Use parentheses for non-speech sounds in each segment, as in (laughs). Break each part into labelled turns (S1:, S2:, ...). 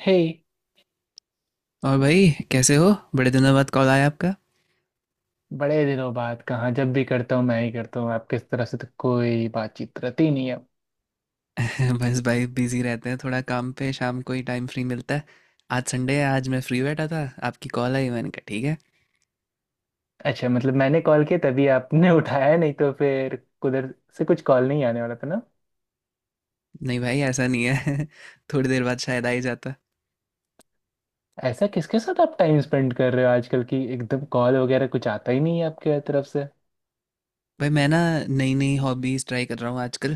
S1: हे।
S2: और भाई कैसे हो। बड़े दिनों बाद कॉल आया आपका।
S1: बड़े दिनों बाद कहाँ, जब भी करता हूँ मैं ही करता हूँ, आपके इस तरह से तो कोई बातचीत रहती नहीं है।
S2: (laughs) बस भाई बिजी रहते हैं थोड़ा काम पे, शाम को ही टाइम फ्री मिलता है। आज संडे है, आज मैं फ्री बैठा था। आपकी कॉल आई, मैंने कहा ठीक है।
S1: अच्छा मतलब मैंने कॉल किया तभी आपने (laughs) उठाया, नहीं तो फिर उधर से कुछ कॉल नहीं आने वाला था ना।
S2: नहीं भाई ऐसा नहीं है। (laughs) थोड़ी देर बाद शायद आ ही जाता।
S1: ऐसा किसके साथ आप टाइम स्पेंड कर रहे हो आजकल की एकदम कॉल वगैरह कुछ आता ही नहीं है आपके तरफ से।
S2: भाई मैं ना, नई नई हॉबीज ट्राई कर रहा हूँ आजकल।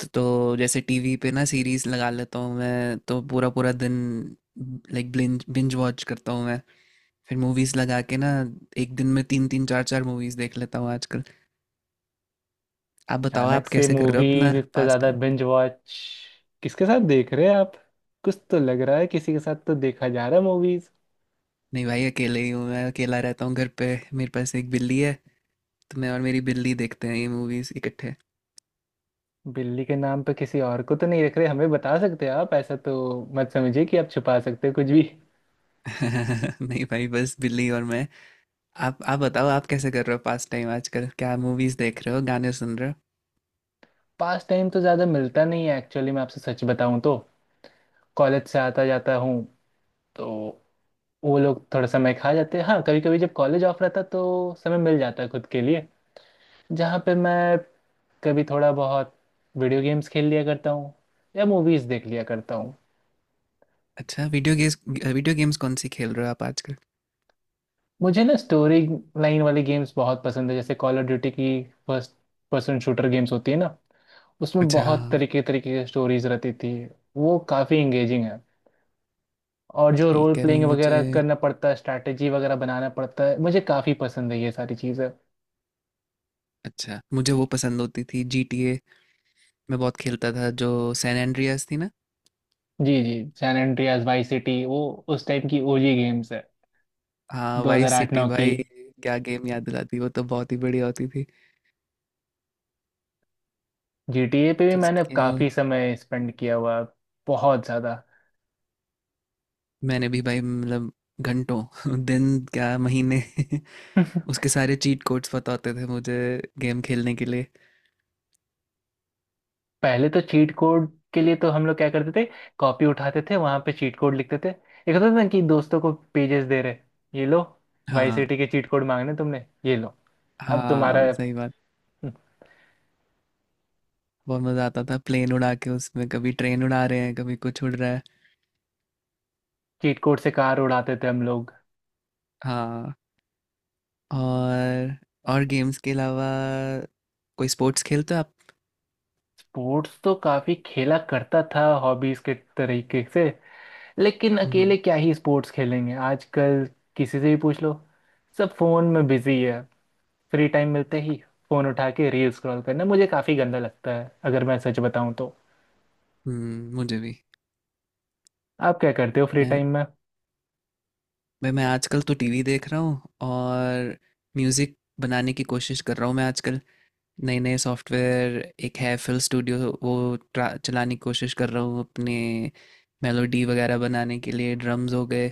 S2: तो जैसे टीवी पे ना सीरीज लगा लेता हूँ मैं, तो पूरा पूरा दिन लाइक बिंज बिंज वॉच करता हूँ मैं। फिर मूवीज लगा के ना, एक दिन में तीन तीन चार चार मूवीज देख लेता हूँ आजकल। आप बताओ,
S1: अचानक
S2: आप
S1: से
S2: कैसे कर रहे हो अपना
S1: मूवीज इतना
S2: पास।
S1: ज्यादा बिंज वॉच किसके साथ देख रहे हैं आप? कुछ तो लग रहा है, किसी के साथ तो देखा जा रहा है मूवीज।
S2: नहीं भाई अकेले ही हूँ, मैं अकेला रहता हूँ घर पे। मेरे पास एक बिल्ली है, तो मैं और मेरी बिल्ली देखते हैं ये मूवीज इकट्ठे।
S1: बिल्ली के नाम पे किसी और को तो नहीं रख रहे, हमें बता सकते हैं आप। ऐसा तो मत समझिए कि आप छुपा सकते हैं कुछ भी।
S2: (laughs) नहीं भाई, बस बिल्ली और मैं। आप बताओ, आप कैसे कर रहे हो पास टाइम आजकल? क्या मूवीज देख रहे हो, गाने सुन रहे हो?
S1: पास टाइम तो ज़्यादा मिलता नहीं है एक्चुअली, मैं आपसे सच बताऊं तो। कॉलेज से आता जाता हूँ तो वो लोग थोड़ा समय खा जाते हैं। हाँ कभी कभी जब कॉलेज ऑफ रहता तो समय मिल जाता है खुद के लिए, जहाँ पे मैं कभी थोड़ा बहुत वीडियो गेम्स खेल लिया करता हूँ या मूवीज़ देख लिया करता हूँ।
S2: अच्छा, वीडियो गेम्स। वीडियो गेम्स कौन सी खेल रहे हो आप आजकल?
S1: मुझे ना स्टोरी लाइन वाली गेम्स बहुत पसंद है, जैसे कॉल ऑफ ड्यूटी की। फर्स्ट पर्सन शूटर गेम्स होती है ना, उसमें
S2: अच्छा
S1: बहुत
S2: हाँ।
S1: तरीके तरीके की स्टोरीज रहती थी। वो काफ़ी एंगेजिंग है। और जो रोल
S2: ठीक है
S1: प्लेइंग
S2: मुझे।
S1: वगैरह करना पड़ता है, स्ट्रैटेजी वगैरह बनाना पड़ता है, मुझे काफ़ी पसंद है ये सारी चीज़ें।
S2: अच्छा, मुझे वो पसंद होती थी जी टी ए। मैं बहुत खेलता था। जो सैन एंड्रियास थी ना।
S1: जी जी। सैन एंड्रियास, वाई सिटी, वो उस टाइम की ओजी गेम्स है।
S2: हाँ वाइस सिटी
S1: 2008-9 की।
S2: भाई। क्या गेम याद दिलाती, वो तो बहुत ही बढ़िया होती थी।
S1: जीटीए पे भी
S2: तो
S1: मैंने
S2: उसके
S1: काफ़ी समय स्पेंड किया हुआ है। बहुत ज़्यादा।
S2: मैंने भी भाई, मतलब घंटों (laughs) दिन क्या महीने (laughs)
S1: (laughs)
S2: उसके सारे चीट कोड्स पता होते थे मुझे गेम खेलने के लिए।
S1: पहले तो चीट कोड के लिए तो हम लोग क्या करते थे, कॉपी उठाते थे, वहां पे चीट कोड लिखते थे। एक होता था ना कि दोस्तों को पेजेस दे रहे, ये लो वाई
S2: हाँ
S1: सिटी के चीट कोड मांगने तुमने, ये लो अब तुम्हारा।
S2: हाँ सही बात। बहुत मज़ा आता था प्लेन उड़ा के, उसमें कभी ट्रेन उड़ा रहे हैं, कभी कुछ उड़ रहा है।
S1: चीट कोड से कार उड़ाते थे हम लोग।
S2: हाँ। और और गेम्स के अलावा कोई स्पोर्ट्स खेलते हो आप?
S1: स्पोर्ट्स तो काफी खेला करता था हॉबीज के तरीके से, लेकिन
S2: हम्म।
S1: अकेले क्या ही स्पोर्ट्स खेलेंगे आजकल। किसी से भी पूछ लो, सब फोन में बिजी है। फ्री टाइम मिलते ही फोन उठा के रील स्क्रॉल करना मुझे काफी गंदा लगता है, अगर मैं सच बताऊं तो।
S2: मुझे भी।
S1: आप क्या करते हो फ्री
S2: मैं
S1: टाइम में?
S2: भाई, मैं आजकल तो टीवी देख रहा हूँ, और म्यूज़िक बनाने की कोशिश कर रहा हूँ मैं आजकल। नए नए सॉफ्टवेयर, एक है फिल स्टूडियो, वो चलाने की कोशिश कर रहा हूँ अपने, मेलोडी वगैरह बनाने के लिए, ड्रम्स हो गए।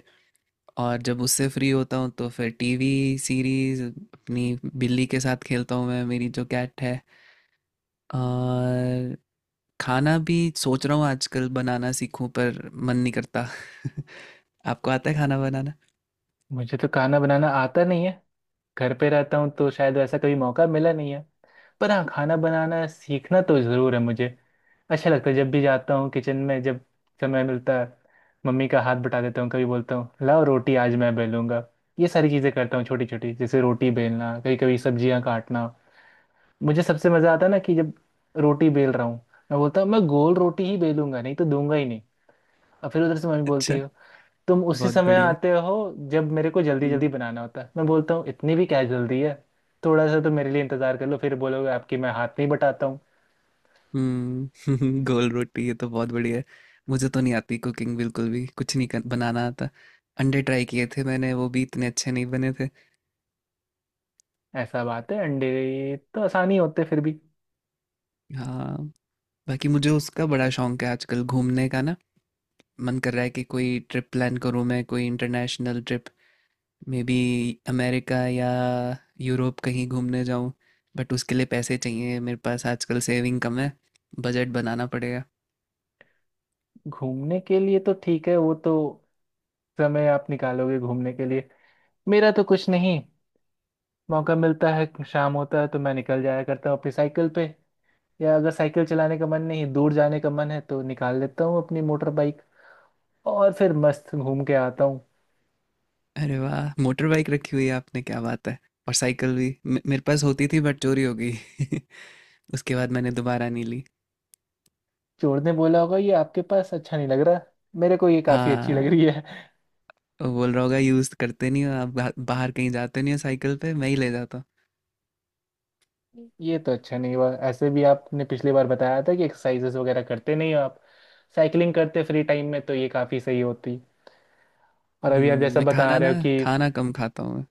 S2: और जब उससे फ्री होता हूँ तो फिर टीवी सीरीज, अपनी बिल्ली के साथ खेलता हूँ मैं, मेरी जो कैट है। और खाना भी सोच रहा हूँ आजकल बनाना सीखूं, पर मन नहीं करता। (laughs) आपको आता है खाना बनाना?
S1: मुझे तो खाना बनाना आता नहीं है। घर पे रहता हूँ तो शायद वैसा कभी मौका मिला नहीं है। पर हाँ, खाना बनाना सीखना तो ज़रूर है मुझे। अच्छा लगता है जब भी जाता हूँ किचन में, जब समय मिलता है मम्मी का हाथ बटा देता हूँ, कभी बोलता हूँ लाओ रोटी आज मैं बेलूंगा। ये सारी चीज़ें करता हूँ छोटी छोटी, जैसे रोटी बेलना, कभी कभी सब्जियाँ काटना। मुझे सबसे मज़ा आता है ना कि जब रोटी बेल रहा हूँ, मैं बोलता हूँ मैं गोल रोटी ही बेलूंगा नहीं तो दूंगा ही नहीं। और फिर उधर से मम्मी बोलती
S2: अच्छा,
S1: है तुम उसी
S2: बहुत
S1: समय
S2: बढ़िया।
S1: आते हो जब मेरे को जल्दी जल्दी बनाना होता है। मैं बोलता हूँ इतनी भी क्या जल्दी है, थोड़ा सा तो मेरे लिए इंतजार कर लो, फिर बोलोगे आपकी मैं हाथ नहीं बटाता हूँ।
S2: हम्म (laughs) गोल रोटी, ये तो बहुत बढ़िया है। मुझे तो नहीं आती कुकिंग, बिल्कुल भी कुछ नहीं कर, बनाना आता। अंडे ट्राई किए थे मैंने, वो भी इतने अच्छे नहीं बने थे।
S1: ऐसा बात है, अंडे तो आसानी होते फिर भी।
S2: हाँ। बाकी मुझे उसका बड़ा शौक है आजकल घूमने का ना। मन कर रहा है कि कोई ट्रिप प्लान करूँ मैं, कोई international trip, maybe America या यूरोप कहीं घूमने जाऊँ। बट उसके लिए पैसे चाहिए, मेरे पास आजकल सेविंग कम है, बजट बनाना पड़ेगा।
S1: घूमने के लिए तो ठीक है, वो तो समय आप निकालोगे घूमने के लिए। मेरा तो कुछ नहीं, मौका मिलता है, शाम होता है तो मैं निकल जाया करता हूँ अपनी साइकिल पे, या अगर साइकिल चलाने का मन नहीं, दूर जाने का मन है तो निकाल लेता हूँ अपनी मोटर बाइक, और फिर मस्त घूम के आता हूँ।
S2: अरे वाह! मोटर बाइक रखी हुई है आपने, क्या बात है! और साइकिल भी मे मेरे पास होती थी, बट चोरी हो गई। (laughs) उसके बाद मैंने दोबारा नहीं ली।
S1: चोर ने बोला होगा ये आपके पास अच्छा नहीं लग रहा, मेरे को ये काफ़ी अच्छी लग
S2: हाँ,
S1: रही है।
S2: वो बोल रहा होगा यूज़ करते नहीं हो आप, बा बाहर कहीं जाते नहीं हो साइकिल पे, मैं ही ले जाता हूँ।
S1: (laughs) ये तो अच्छा नहीं हुआ, ऐसे भी आपने पिछली बार बताया था कि एक्सरसाइजेस वगैरह करते नहीं हो आप, साइकिलिंग करते फ्री टाइम में तो ये काफ़ी सही होती। और
S2: हुँ,
S1: अभी आप जैसा
S2: मैं
S1: बता
S2: खाना
S1: रहे
S2: ना,
S1: हो कि
S2: खाना कम खाता हूँ मैं।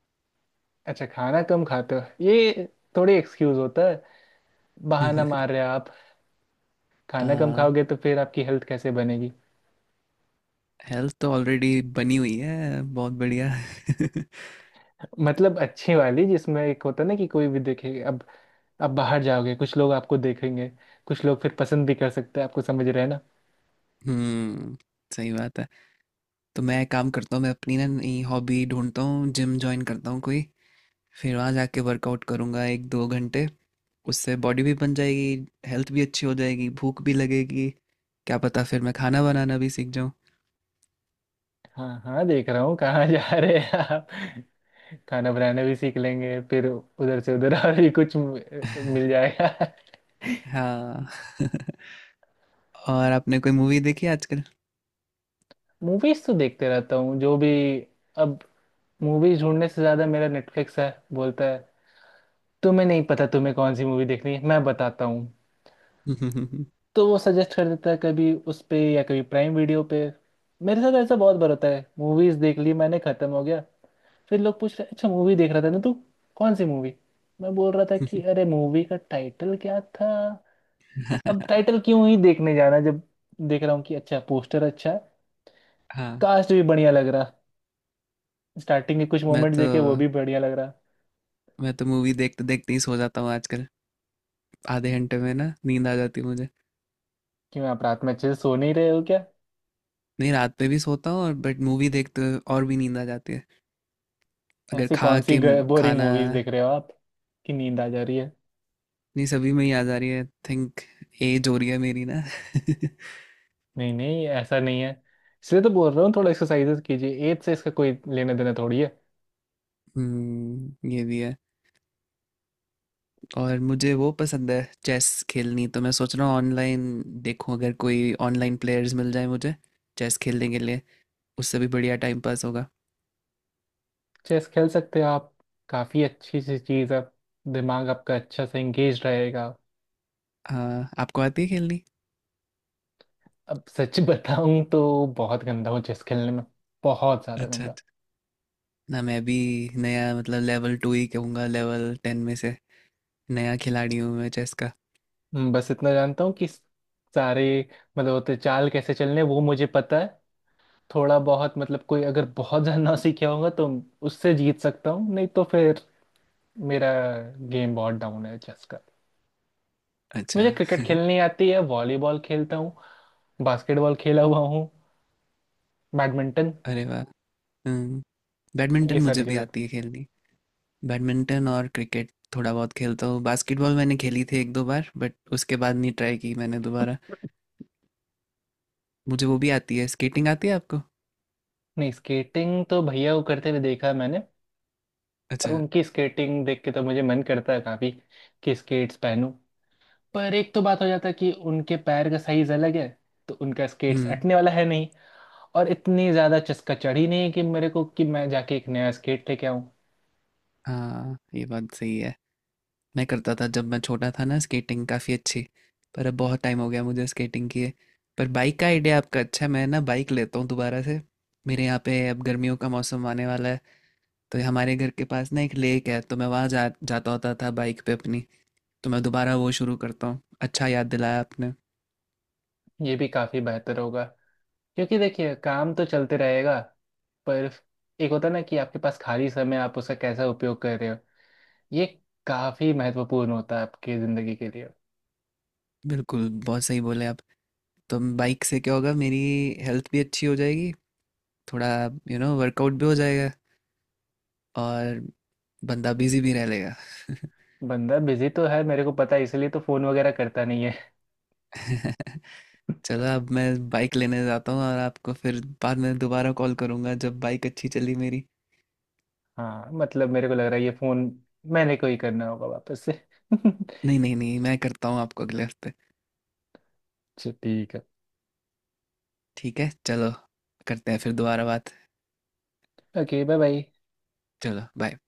S1: अच्छा खाना कम खाते हो, ये थोड़ी एक्सक्यूज़ होता है, बहाना मार
S2: (laughs)
S1: रहे हो आप।
S2: अ,
S1: खाना कम खाओगे तो फिर आपकी हेल्थ कैसे बनेगी।
S2: हेल्थ तो ऑलरेडी बनी हुई है, बहुत बढ़िया। (laughs)
S1: मतलब अच्छी वाली जिसमें एक होता है ना कि कोई भी देखे, अब आप बाहर जाओगे कुछ लोग आपको देखेंगे, कुछ लोग फिर पसंद भी कर सकते हैं आपको, समझ रहे हैं ना।
S2: हुँ, सही बात है। तो मैं काम करता हूँ, मैं अपनी ना नई हॉबी ढूँढता हूँ, जिम जॉइन करता हूँ कोई। फिर वहाँ जाके वर्कआउट करूँगा एक दो घंटे, उससे बॉडी भी बन जाएगी, हेल्थ भी अच्छी हो जाएगी, भूख भी लगेगी। क्या पता फिर मैं खाना बनाना भी सीख जाऊँ।
S1: हाँ हाँ, देख रहा हूँ कहाँ (laughs) जा रहे हैं आप, खाना बनाना भी सीख लेंगे फिर उधर से उधर (laughs) और भी कुछ मिल
S2: (laughs)
S1: जाएगा।
S2: हाँ। (laughs) और आपने कोई मूवी देखी है आजकल?
S1: मूवीज तो देखते रहता हूँ जो भी। अब मूवीज ढूंढने से ज्यादा मेरा नेटफ्लिक्स है, बोलता है तुम्हें नहीं पता तुम्हें कौन सी मूवी देखनी है, मैं बताता हूँ।
S2: (laughs)
S1: तो वो सजेस्ट कर देता है कभी उस पे या कभी प्राइम वीडियो पे। मेरे साथ ऐसा बहुत बार होता है मूवीज देख ली मैंने, खत्म हो गया, फिर लोग पूछ रहे अच्छा मूवी देख रहा था ना तू, कौन सी मूवी? मैं बोल रहा था कि अरे मूवी का टाइटल क्या था। अब टाइटल क्यों ही देखने जाना जब देख रहा हूँ कि अच्छा पोस्टर अच्छा है,
S2: हाँ।
S1: कास्ट भी बढ़िया लग रहा, स्टार्टिंग के कुछ
S2: मैं
S1: मोमेंट्स
S2: तो
S1: देखे वो भी बढ़िया लग रहा।
S2: मैं तो मूवी देखते देखते ही सो जाता हूँ आजकल, आधे घंटे में ना नींद आ जाती है मुझे।
S1: क्यों आप रात में अच्छे से सो नहीं रहे हो क्या?
S2: नहीं, रात पे भी सोता हूँ और, बट मूवी देखते हुए और भी नींद आ जाती है अगर
S1: ऐसी
S2: खा
S1: कौन सी
S2: के
S1: बोरिंग
S2: खाना।
S1: मूवीज देख रहे हो आप कि नींद आ जा रही है?
S2: नहीं सभी में ही याद आ रही है, थिंक एज हो रही है मेरी ना। (laughs)
S1: नहीं नहीं, ऐसा नहीं है, इसलिए तो बोल रहा हूँ थोड़ा एक्सरसाइजेस कीजिए, एज से इसका कोई लेना देना थोड़ी है।
S2: हम्म, ये भी है। और मुझे वो पसंद है चेस खेलनी, तो मैं सोच रहा हूँ ऑनलाइन देखूँ, अगर कोई ऑनलाइन प्लेयर्स मिल जाए मुझे चेस खेलने के लिए, उससे भी बढ़िया टाइम पास होगा।
S1: चेस खेल सकते हैं आप, काफ़ी अच्छी सी चीज़ है। दिमाग आपका अच्छा से एंगेज रहेगा।
S2: हाँ, आपको आती है खेलनी?
S1: अब सच (laughs) बताऊँ तो बहुत गंदा हूँ चेस खेलने में, बहुत ज़्यादा
S2: अच्छा
S1: गंदा।
S2: अच्छा। ना, मैं भी नया, मतलब लेवल टू ही कहूँगा लेवल टेन में से, नया खिलाड़ी हूँ मैं चेस का।
S1: बस इतना जानता हूँ कि सारे मतलब होते चाल कैसे चलने हैं, वो मुझे पता है। थोड़ा बहुत मतलब कोई अगर बहुत ज़्यादा ना सीखा होगा तो उससे जीत सकता हूँ, नहीं तो फिर मेरा गेम बहुत डाउन है चेस।
S2: अच्छा।
S1: मुझे क्रिकेट
S2: (laughs)
S1: खेलनी आती है, वॉलीबॉल खेलता हूँ, बास्केटबॉल खेला हुआ हूँ, बैडमिंटन,
S2: अरे वाह। हम्म। बैडमिंटन
S1: ये
S2: मुझे
S1: सारी
S2: भी
S1: चीज़ें।
S2: आती है खेलनी, बैडमिंटन और क्रिकेट थोड़ा बहुत खेलता हूँ। बास्केटबॉल मैंने खेली थी एक दो बार, बट उसके बाद नहीं ट्राई की मैंने दोबारा। मुझे वो भी आती है, स्केटिंग आती है आपको?
S1: नहीं, स्केटिंग तो भैया को करते हुए देखा है मैंने, और
S2: अच्छा।
S1: उनकी स्केटिंग देख के तो मुझे मन करता है काफ़ी कि स्केट्स पहनूं। पर एक तो बात हो जाता है कि उनके पैर का साइज अलग है तो उनका स्केट्स
S2: हम्म।
S1: अटने वाला है नहीं, और इतनी ज़्यादा चस्का चढ़ी नहीं है कि मेरे को कि मैं जाके एक नया स्केट लेके आऊं।
S2: हाँ ये बात सही है। मैं करता था जब मैं छोटा था ना स्केटिंग काफ़ी अच्छी, पर अब बहुत टाइम हो गया मुझे स्केटिंग किए। पर बाइक का आइडिया आपका अच्छा है, मैं ना बाइक लेता हूँ दोबारा से। मेरे यहाँ पे अब गर्मियों का मौसम आने वाला है, तो हमारे घर के पास ना एक लेक है, तो मैं वहाँ जा जाता होता था बाइक पे अपनी, तो मैं दोबारा वो शुरू करता हूँ। अच्छा याद दिलाया आपने।
S1: ये भी काफ़ी बेहतर होगा, क्योंकि देखिए काम तो चलते रहेगा, पर एक होता है ना कि आपके पास खाली समय आप उसका कैसा उपयोग कर रहे हो, ये काफी महत्वपूर्ण होता है आपकी जिंदगी के लिए।
S2: बिल्कुल, बहुत सही बोले आप। तो बाइक से क्या होगा, मेरी हेल्थ भी अच्छी हो जाएगी, थोड़ा यू नो वर्कआउट भी हो जाएगा, और बंदा बिजी भी रह लेगा।
S1: बंदा बिजी तो है, मेरे को पता है, इसलिए तो फोन वगैरह करता नहीं है।
S2: (laughs) चलो अब मैं बाइक लेने जाता हूँ, और आपको फिर बाद में दोबारा कॉल करूँगा जब बाइक अच्छी चली मेरी।
S1: हाँ मतलब मेरे को लग रहा है ये फोन मैंने को ही करना होगा वापस से। (laughs) अच्छा,
S2: नहीं नहीं नहीं मैं करता हूँ आपको अगले हफ्ते।
S1: ठीक है।
S2: ठीक है चलो, करते हैं फिर दोबारा बात।
S1: Okay, bye bye.
S2: चलो बाय।